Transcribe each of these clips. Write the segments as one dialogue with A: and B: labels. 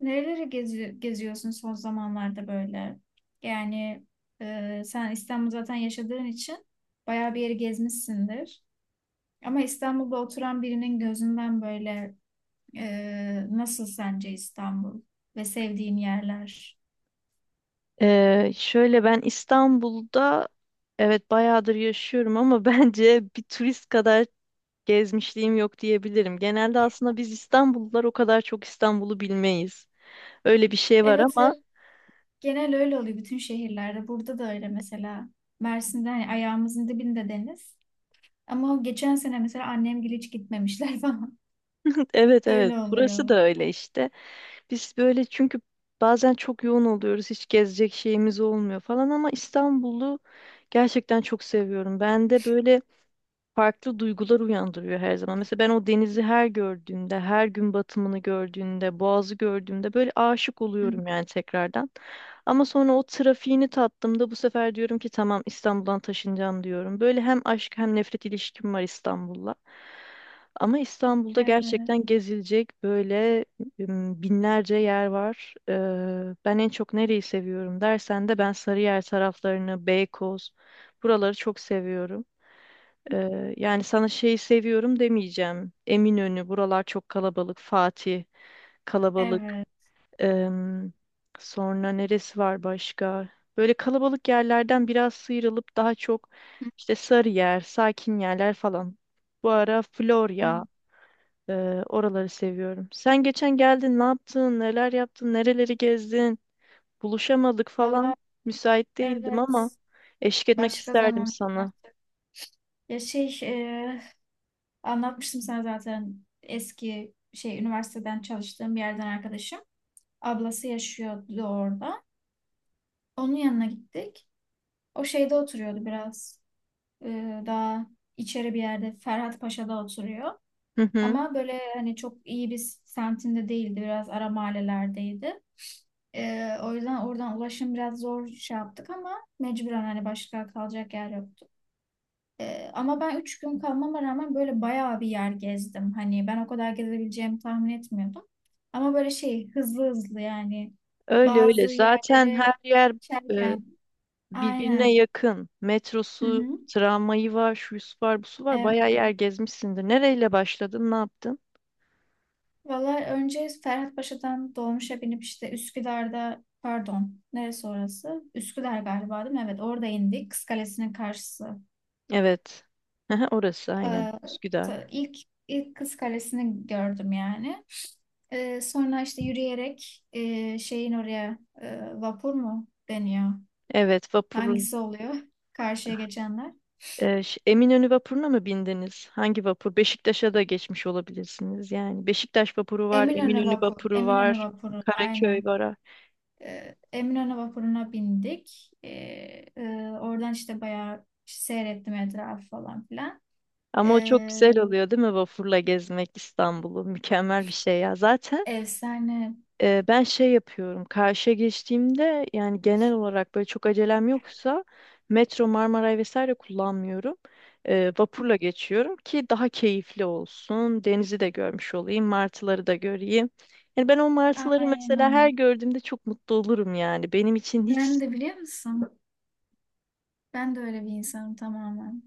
A: Nereleri geziyorsun son zamanlarda böyle? Yani sen İstanbul zaten yaşadığın için bayağı bir yeri gezmişsindir. Ama İstanbul'da oturan birinin gözünden böyle nasıl sence İstanbul ve sevdiğin yerler?
B: Şöyle ben İstanbul'da evet bayağıdır yaşıyorum ama bence bir turist kadar gezmişliğim yok diyebilirim. Genelde aslında biz İstanbullular o kadar çok İstanbul'u bilmeyiz. Öyle bir şey var
A: Evet,
B: ama
A: hep genel öyle oluyor bütün şehirlerde. Burada da öyle mesela. Mersin'de hani ayağımızın dibinde deniz. Ama o geçen sene mesela annemgil hiç gitmemişler falan.
B: evet evet
A: Öyle
B: burası
A: oluyor.
B: da öyle işte. Biz böyle çünkü bazen çok yoğun oluyoruz hiç gezecek şeyimiz olmuyor falan ama İstanbul'u gerçekten çok seviyorum. Ben de böyle farklı duygular uyandırıyor her zaman. Mesela ben o denizi her gördüğümde, her gün batımını gördüğümde, boğazı gördüğümde böyle aşık
A: Hı hı.
B: oluyorum yani tekrardan. Ama sonra o trafiğini tattığımda bu sefer diyorum ki tamam İstanbul'dan taşınacağım diyorum. Böyle hem aşk hem nefret ilişkim var İstanbul'la. Ama İstanbul'da
A: Evet,
B: gerçekten gezilecek böyle binlerce yer var. Ben en çok nereyi seviyorum dersen de ben Sarıyer taraflarını, Beykoz buraları çok seviyorum. Yani sana şeyi seviyorum demeyeceğim. Eminönü, buralar çok kalabalık. Fatih, kalabalık.
A: evet.
B: Em, Sonra neresi var başka? Böyle kalabalık yerlerden biraz sıyrılıp daha çok
A: Hı
B: işte Sarıyer, sakin yerler falan. Bu ara
A: hı.
B: Florya, e, oraları seviyorum. Sen geçen geldin, ne yaptın, neler yaptın, nereleri gezdin? Buluşamadık
A: Valla
B: falan. Müsait değildim ama
A: evet.
B: eşlik etmek
A: Başka
B: isterdim
A: zaman
B: sana.
A: anlatacağım. Ya anlatmıştım sana zaten eski üniversiteden çalıştığım bir yerden arkadaşım. Ablası yaşıyordu orada. Onun yanına gittik. O şeyde oturuyordu biraz. Daha içeri bir yerde Ferhat Paşa'da oturuyor.
B: Hı hı.
A: Ama böyle hani çok iyi bir semtinde değildi. Biraz ara mahallelerdeydi. O yüzden oradan ulaşım biraz zor şey yaptık ama mecburen hani başka kalacak yer yoktu. Ama ben üç gün kalmama rağmen böyle bayağı bir yer gezdim. Hani ben o kadar gezebileceğimi tahmin etmiyordum. Ama böyle şey hızlı hızlı yani
B: Öyle öyle.
A: bazı
B: Zaten her
A: yerlere
B: yer e,
A: geçerken
B: birbirine
A: aynen.
B: yakın.
A: Hı
B: Metrosu,
A: hı.
B: tramvayı var, şusu var, busu var.
A: Evet.
B: Bayağı yer gezmişsindir. Nereyle başladın, ne yaptın?
A: Valla önce Ferhatpaşa'dan dolmuşa binip işte Üsküdar'da pardon neresi orası? Üsküdar galiba değil mi? Evet orada indik. Kız Kalesi'nin karşısı.
B: Evet. Hı hı, orası aynen.
A: Ee,
B: Üsküdar.
A: ta- ilk ilk Kız Kalesi'ni gördüm yani. Sonra işte yürüyerek şeyin oraya vapur mu deniyor?
B: Evet, vapurun.
A: Hangisi oluyor? Karşıya geçenler.
B: Eminönü vapuruna mı bindiniz? Hangi vapur? Beşiktaş'a da geçmiş olabilirsiniz. Yani Beşiktaş vapuru var, Eminönü vapuru
A: Eminönü
B: var,
A: vapuru
B: Karaköy
A: aynen.
B: var.
A: Eminönü vapuruna bindik. Oradan işte bayağı işte seyrettim etrafı falan filan.
B: Ama o çok
A: Ee,
B: güzel oluyor değil mi vapurla gezmek İstanbul'u? Mükemmel bir şey ya. Zaten
A: Efsane.
B: Ben şey yapıyorum. Karşıya geçtiğimde yani genel olarak böyle çok acelem yoksa metro, Marmaray vesaire kullanmıyorum. Vapurla geçiyorum ki daha keyifli olsun. Denizi de görmüş olayım, martıları da göreyim. Yani ben o martıları mesela her
A: Aynen.
B: gördüğümde çok mutlu olurum yani. Benim için hiç
A: Ben de biliyor musun? Ben de öyle bir insanım tamamen.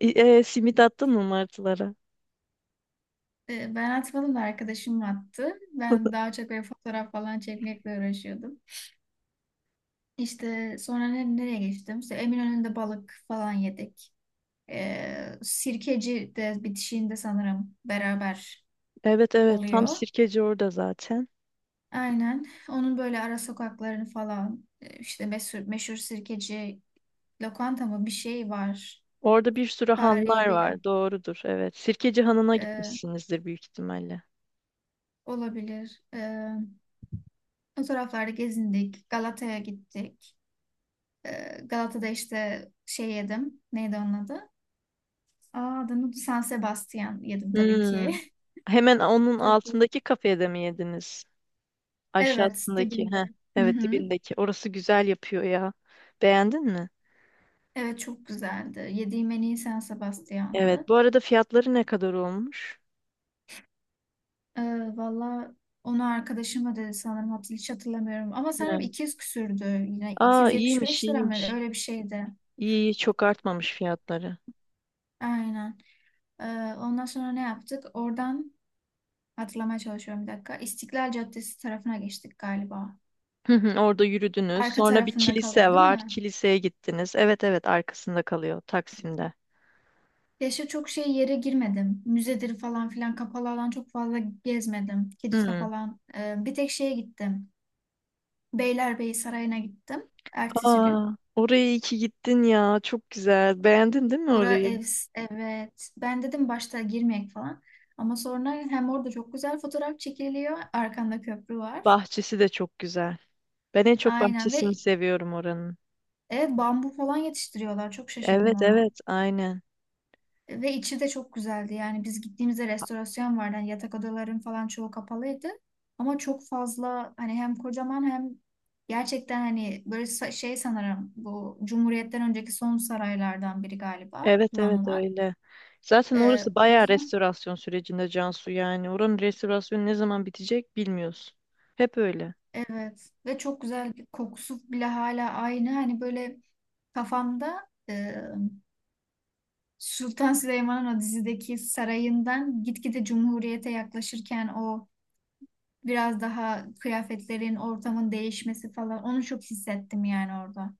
B: Simit attın mı martılara?
A: Ben atmadım da arkadaşım attı. Ben daha çok böyle fotoğraf falan çekmekle uğraşıyordum. İşte sonra nereye geçtim? İşte Eminönü'nde balık falan yedik. Sirkeci de bitişiğinde sanırım beraber
B: Evet evet tam
A: oluyor.
B: Sirkeci orada zaten.
A: Aynen. Onun böyle ara sokaklarını falan işte meşhur Sirkeci lokanta mı bir şey var.
B: Orada bir sürü hanlar
A: Tarihi bir yer
B: var. Doğrudur. Evet. Sirkeci Hanı'na
A: e,
B: gitmişsinizdir büyük ihtimalle.
A: olabilir. O taraflarda gezindik. Galata'ya gittik. Galata'da işte şey yedim. Neydi onun adı? Adını San Sebastian yedim tabii ki.
B: Hmm. Hemen onun
A: Çok iyi.
B: altındaki kafede mi yediniz?
A: Evet,
B: Aşağısındaki. Heh,
A: dibinde. Hı
B: evet
A: hı.
B: dibindeki. Orası güzel yapıyor ya. Beğendin mi?
A: Evet, çok güzeldi. Yediğim en iyi San
B: Evet.
A: Sebastian'dı.
B: Bu arada fiyatları ne kadar olmuş?
A: Ee, Valla onu arkadaşım ödedi sanırım. Hiç hatırlamıyorum. Ama sanırım
B: Evet.
A: 200 küsürdü. Yine
B: Aa iyiymiş
A: 275 lira mı?
B: iyiymiş.
A: Öyle bir şeydi.
B: İyi iyi çok artmamış fiyatları.
A: Aynen. Ee, Ondan sonra ne yaptık? Oradan hatırlamaya çalışıyorum bir dakika. İstiklal Caddesi tarafına geçtik galiba.
B: Hı hı, orada yürüdünüz.
A: Arka
B: Sonra bir
A: tarafında
B: kilise
A: kalıyor, değil
B: var.
A: mi?
B: Kiliseye gittiniz. Evet evet arkasında kalıyor Taksim'de.
A: Keşke çok şey yere girmedim. Müzedir falan filan kapalı alan çok fazla gezmedim. Kilise
B: Hı.
A: falan. Bir tek şeye gittim. Beylerbeyi Sarayı'na gittim. Ertesi gün.
B: Aa, oraya iyi ki gittin ya. Çok güzel. Beğendin değil mi
A: Ora
B: orayı?
A: ev, evet. Ben dedim başta girmeyek falan. Ama sonra hem orada çok güzel fotoğraf çekiliyor. Arkanda köprü var.
B: Bahçesi de çok güzel. Ben en çok
A: Aynen
B: bahçesini
A: ve
B: seviyorum oranın.
A: evet bambu falan yetiştiriyorlar. Çok şaşırdım
B: Evet
A: ona.
B: evet aynen.
A: Ve içi de çok güzeldi. Yani biz gittiğimizde restorasyon vardı. Yani yatak odaların falan çoğu kapalıydı. Ama çok fazla hani hem kocaman hem gerçekten hani böyle şey sanırım bu Cumhuriyet'ten önceki son saraylardan biri galiba
B: Evet evet
A: kullanılan.
B: öyle. Zaten orası
A: O
B: bayağı
A: yüzden
B: restorasyon sürecinde Cansu yani. Oranın restorasyonu ne zaman bitecek bilmiyorsun. Hep öyle.
A: evet ve çok güzel bir kokusu bile hala aynı. Hani böyle kafamda Sultan Süleyman'ın o dizideki sarayından gitgide Cumhuriyet'e yaklaşırken o biraz daha kıyafetlerin, ortamın değişmesi falan. Onu çok hissettim yani orada.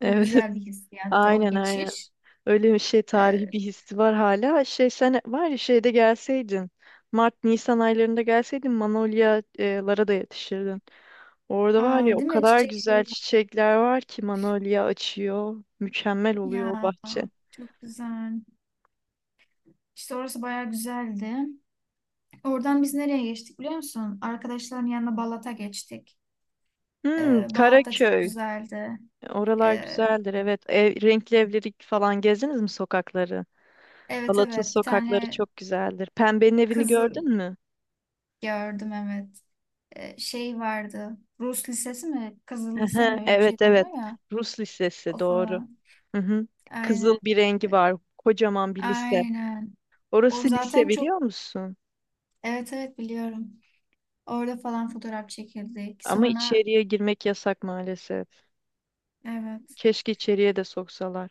A: Çok
B: Evet.
A: güzel bir hissiyattı o
B: Aynen aynen.
A: geçiş.
B: Öyle bir şey tarihi
A: Ee,
B: bir hissi var hala. Şey sen var ya şeyde gelseydin. Mart Nisan aylarında gelseydin manolyalara da yetişirdin. Orada var ya o
A: değil mi?
B: kadar
A: Çiçek
B: güzel
A: şeyi var.
B: çiçekler var ki manolya açıyor. Mükemmel oluyor o
A: Ya
B: bahçe.
A: çok güzel. İşte orası bayağı güzeldi. Oradan biz nereye geçtik biliyor musun? Arkadaşların yanına Balat'a geçtik.
B: Hmm,
A: Balat da çok
B: Karaköy.
A: güzeldi.
B: Oralar
A: Ee,
B: güzeldir evet. Ev, renkli evleri falan gezdiniz mi sokakları?
A: evet
B: Balat'ın
A: evet bir
B: sokakları
A: tane
B: çok güzeldir. Pembenin evini
A: kızı
B: gördün mü?
A: gördüm evet. Şey vardı. Rus lisesi mi? Kızıl lise
B: Ehe,
A: mi? Öyle bir şey
B: evet evet.
A: deniyor ya.
B: Rus lisesi
A: O
B: doğru.
A: falan.
B: Hı hı. Kızıl
A: Aynen.
B: bir rengi var. Kocaman bir lise.
A: Aynen. O
B: Orası lise
A: zaten çok
B: biliyor musun?
A: evet evet biliyorum. Orada falan fotoğraf çekildik.
B: Ama
A: Sonra
B: içeriye girmek yasak maalesef.
A: evet.
B: Keşke içeriye de soksalar.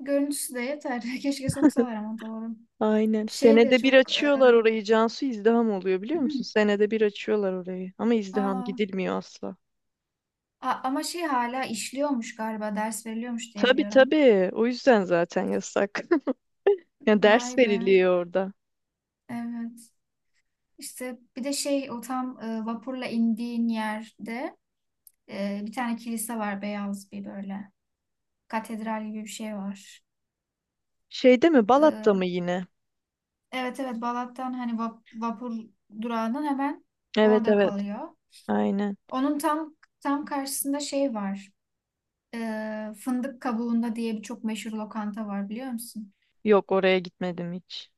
A: Görüntüsü de yeter. Keşke soksalar ama doğru.
B: Aynen.
A: Şey de
B: Senede bir
A: çok
B: açıyorlar orayı. Cansu izdiham oluyor biliyor musun? Senede bir açıyorlar orayı. Ama izdiham
A: aa,
B: gidilmiyor asla.
A: ama şey hala işliyormuş galiba. Ders veriliyormuş diye
B: Tabii
A: biliyorum.
B: tabii. O yüzden zaten yasak. Ya
A: Vay
B: ders
A: be.
B: veriliyor orada.
A: Evet. İşte bir de şey o tam vapurla indiğin yerde bir tane kilise var beyaz bir böyle. Katedral gibi bir şey var.
B: Şeyde mi? Balat'ta
A: E,
B: mı yine?
A: Evet evet Balat'tan hani vapur durağının hemen
B: Evet
A: orada
B: evet.
A: kalıyor.
B: Aynen.
A: Onun tam karşısında şey var. Fındık Kabuğunda diye bir çok meşhur lokanta var biliyor musun?
B: Yok oraya gitmedim hiç.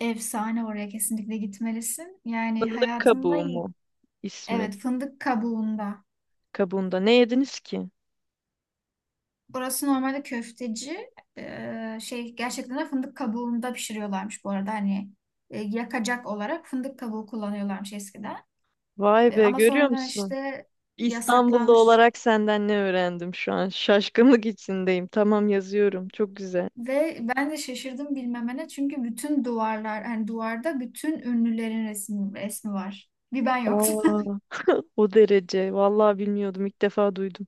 A: Efsane oraya kesinlikle gitmelisin. Yani
B: Fındık
A: hayatında
B: kabuğu mu ismi?
A: evet Fındık Kabuğunda.
B: Kabuğunda. Ne yediniz ki?
A: Burası normalde köfteci. Şey gerçekten de fındık kabuğunda pişiriyorlarmış bu arada. Hani yakacak olarak fındık kabuğu kullanıyorlarmış eskiden.
B: Vay be
A: Ama
B: görüyor
A: sonradan
B: musun?
A: işte
B: İstanbullu
A: yasaklanmış.
B: olarak senden ne öğrendim şu an? Şaşkınlık içindeyim. Tamam yazıyorum. Çok güzel.
A: Ve ben de şaşırdım bilmemene çünkü bütün duvarlar hani duvarda bütün ünlülerin resmi var. Bir ben yoktum.
B: Aa, o derece. Vallahi bilmiyordum. İlk defa duydum.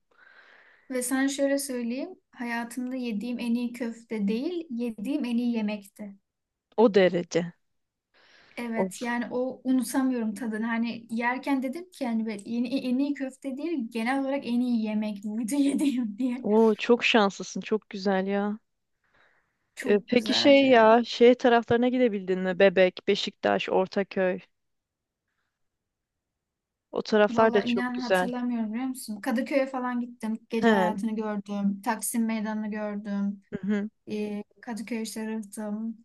A: Ve sana şöyle söyleyeyim hayatımda yediğim en iyi köfte değil yediğim en iyi yemekti.
B: O derece.
A: Evet
B: Of.
A: yani o unutamıyorum tadını. Hani yerken dedim ki yani böyle yeni, en iyi köfte değil genel olarak en iyi yemek buydu yediğim diye.
B: Oo, çok şanslısın. Çok güzel ya. E,
A: Çok
B: peki şey
A: güzeldi.
B: ya, şey taraflarına gidebildin mi? Bebek, Beşiktaş, Ortaköy. O taraflar da
A: Valla
B: çok
A: inan
B: güzel.
A: hatırlamıyorum biliyor musun? Kadıköy'e falan gittim.
B: He.
A: Gece hayatını gördüm. Taksim Meydanı'nı gördüm.
B: Hı hı.
A: Kadıköy Sarıhtım.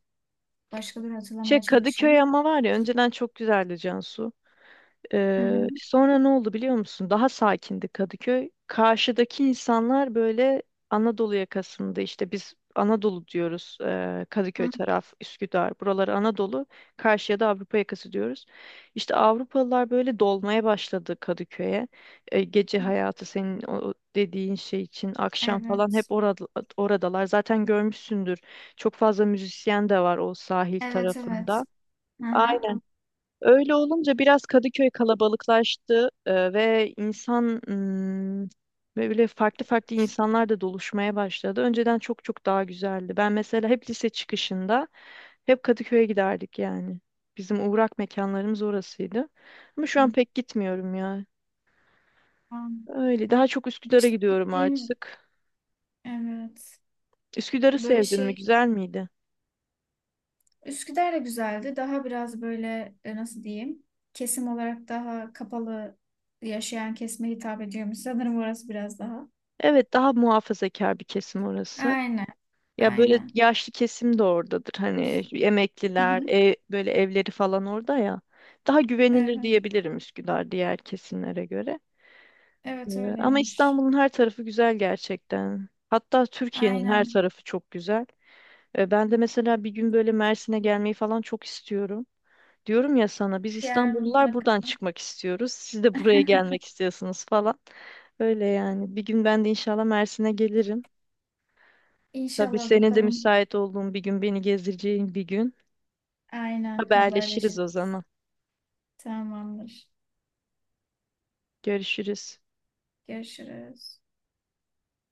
A: Başkaları
B: Şey
A: hatırlamaya çalışayım.
B: Kadıköy ama var ya önceden çok güzeldi Cansu.
A: Hı hı.
B: Sonra ne oldu biliyor musun? Daha sakindi Kadıköy. Karşıdaki insanlar böyle Anadolu yakasında işte biz Anadolu diyoruz. Kadıköy
A: Hı
B: taraf, Üsküdar, buraları Anadolu. Karşıya da Avrupa yakası diyoruz. İşte Avrupalılar böyle dolmaya başladı Kadıköy'e. Gece
A: hı.
B: hayatı senin o dediğin şey için akşam falan
A: Evet.
B: hep orada, oradalar. Zaten görmüşsündür. Çok fazla müzisyen de var o sahil
A: Evet
B: tarafında.
A: evet. Hı
B: Öyle olunca biraz Kadıköy kalabalıklaştı ve insan böyle farklı farklı insanlar da doluşmaya başladı. Önceden çok çok daha güzeldi. Ben mesela hep lise çıkışında hep Kadıköy'e giderdik yani. Bizim uğrak mekanlarımız orasıydı. Ama şu an pek gitmiyorum ya.
A: tamam.
B: Öyle daha çok Üsküdar'a
A: İşte
B: gidiyorum
A: gittiğim
B: artık.
A: evet.
B: Üsküdar'ı
A: Böyle
B: sevdin mi?
A: şey
B: Güzel miydi?
A: Üsküdar da güzeldi. Daha biraz böyle nasıl diyeyim? Kesim olarak daha kapalı yaşayan kesime hitap ediyormuş. Sanırım orası biraz daha.
B: Evet, daha muhafazakar bir kesim orası.
A: Aynen.
B: Ya böyle
A: Aynen.
B: yaşlı kesim de oradadır. Hani
A: Hı
B: emekliler,
A: hı.
B: ev- böyle evleri falan orada ya. Daha güvenilir
A: Evet.
B: diyebilirim Üsküdar diğer kesimlere göre. Ee,
A: Evet
B: Ama
A: öyleymiş.
B: İstanbul'un her tarafı güzel gerçekten. Hatta Türkiye'nin her
A: Aynen.
B: tarafı çok güzel. Ben de mesela bir gün böyle Mersin'e gelmeyi falan çok istiyorum. Diyorum ya sana biz
A: Gel
B: İstanbullular
A: mutlaka.
B: buradan çıkmak istiyoruz. Siz de buraya gelmek istiyorsunuz falan. Öyle yani. Bir gün ben de inşallah Mersin'e gelirim. Tabii
A: İnşallah
B: senin de
A: bakalım.
B: müsait olduğun bir gün beni gezdireceğin bir gün
A: Aynen
B: haberleşiriz o
A: haberleşiriz.
B: zaman.
A: Tamamdır.
B: Görüşürüz.
A: Görüşürüz.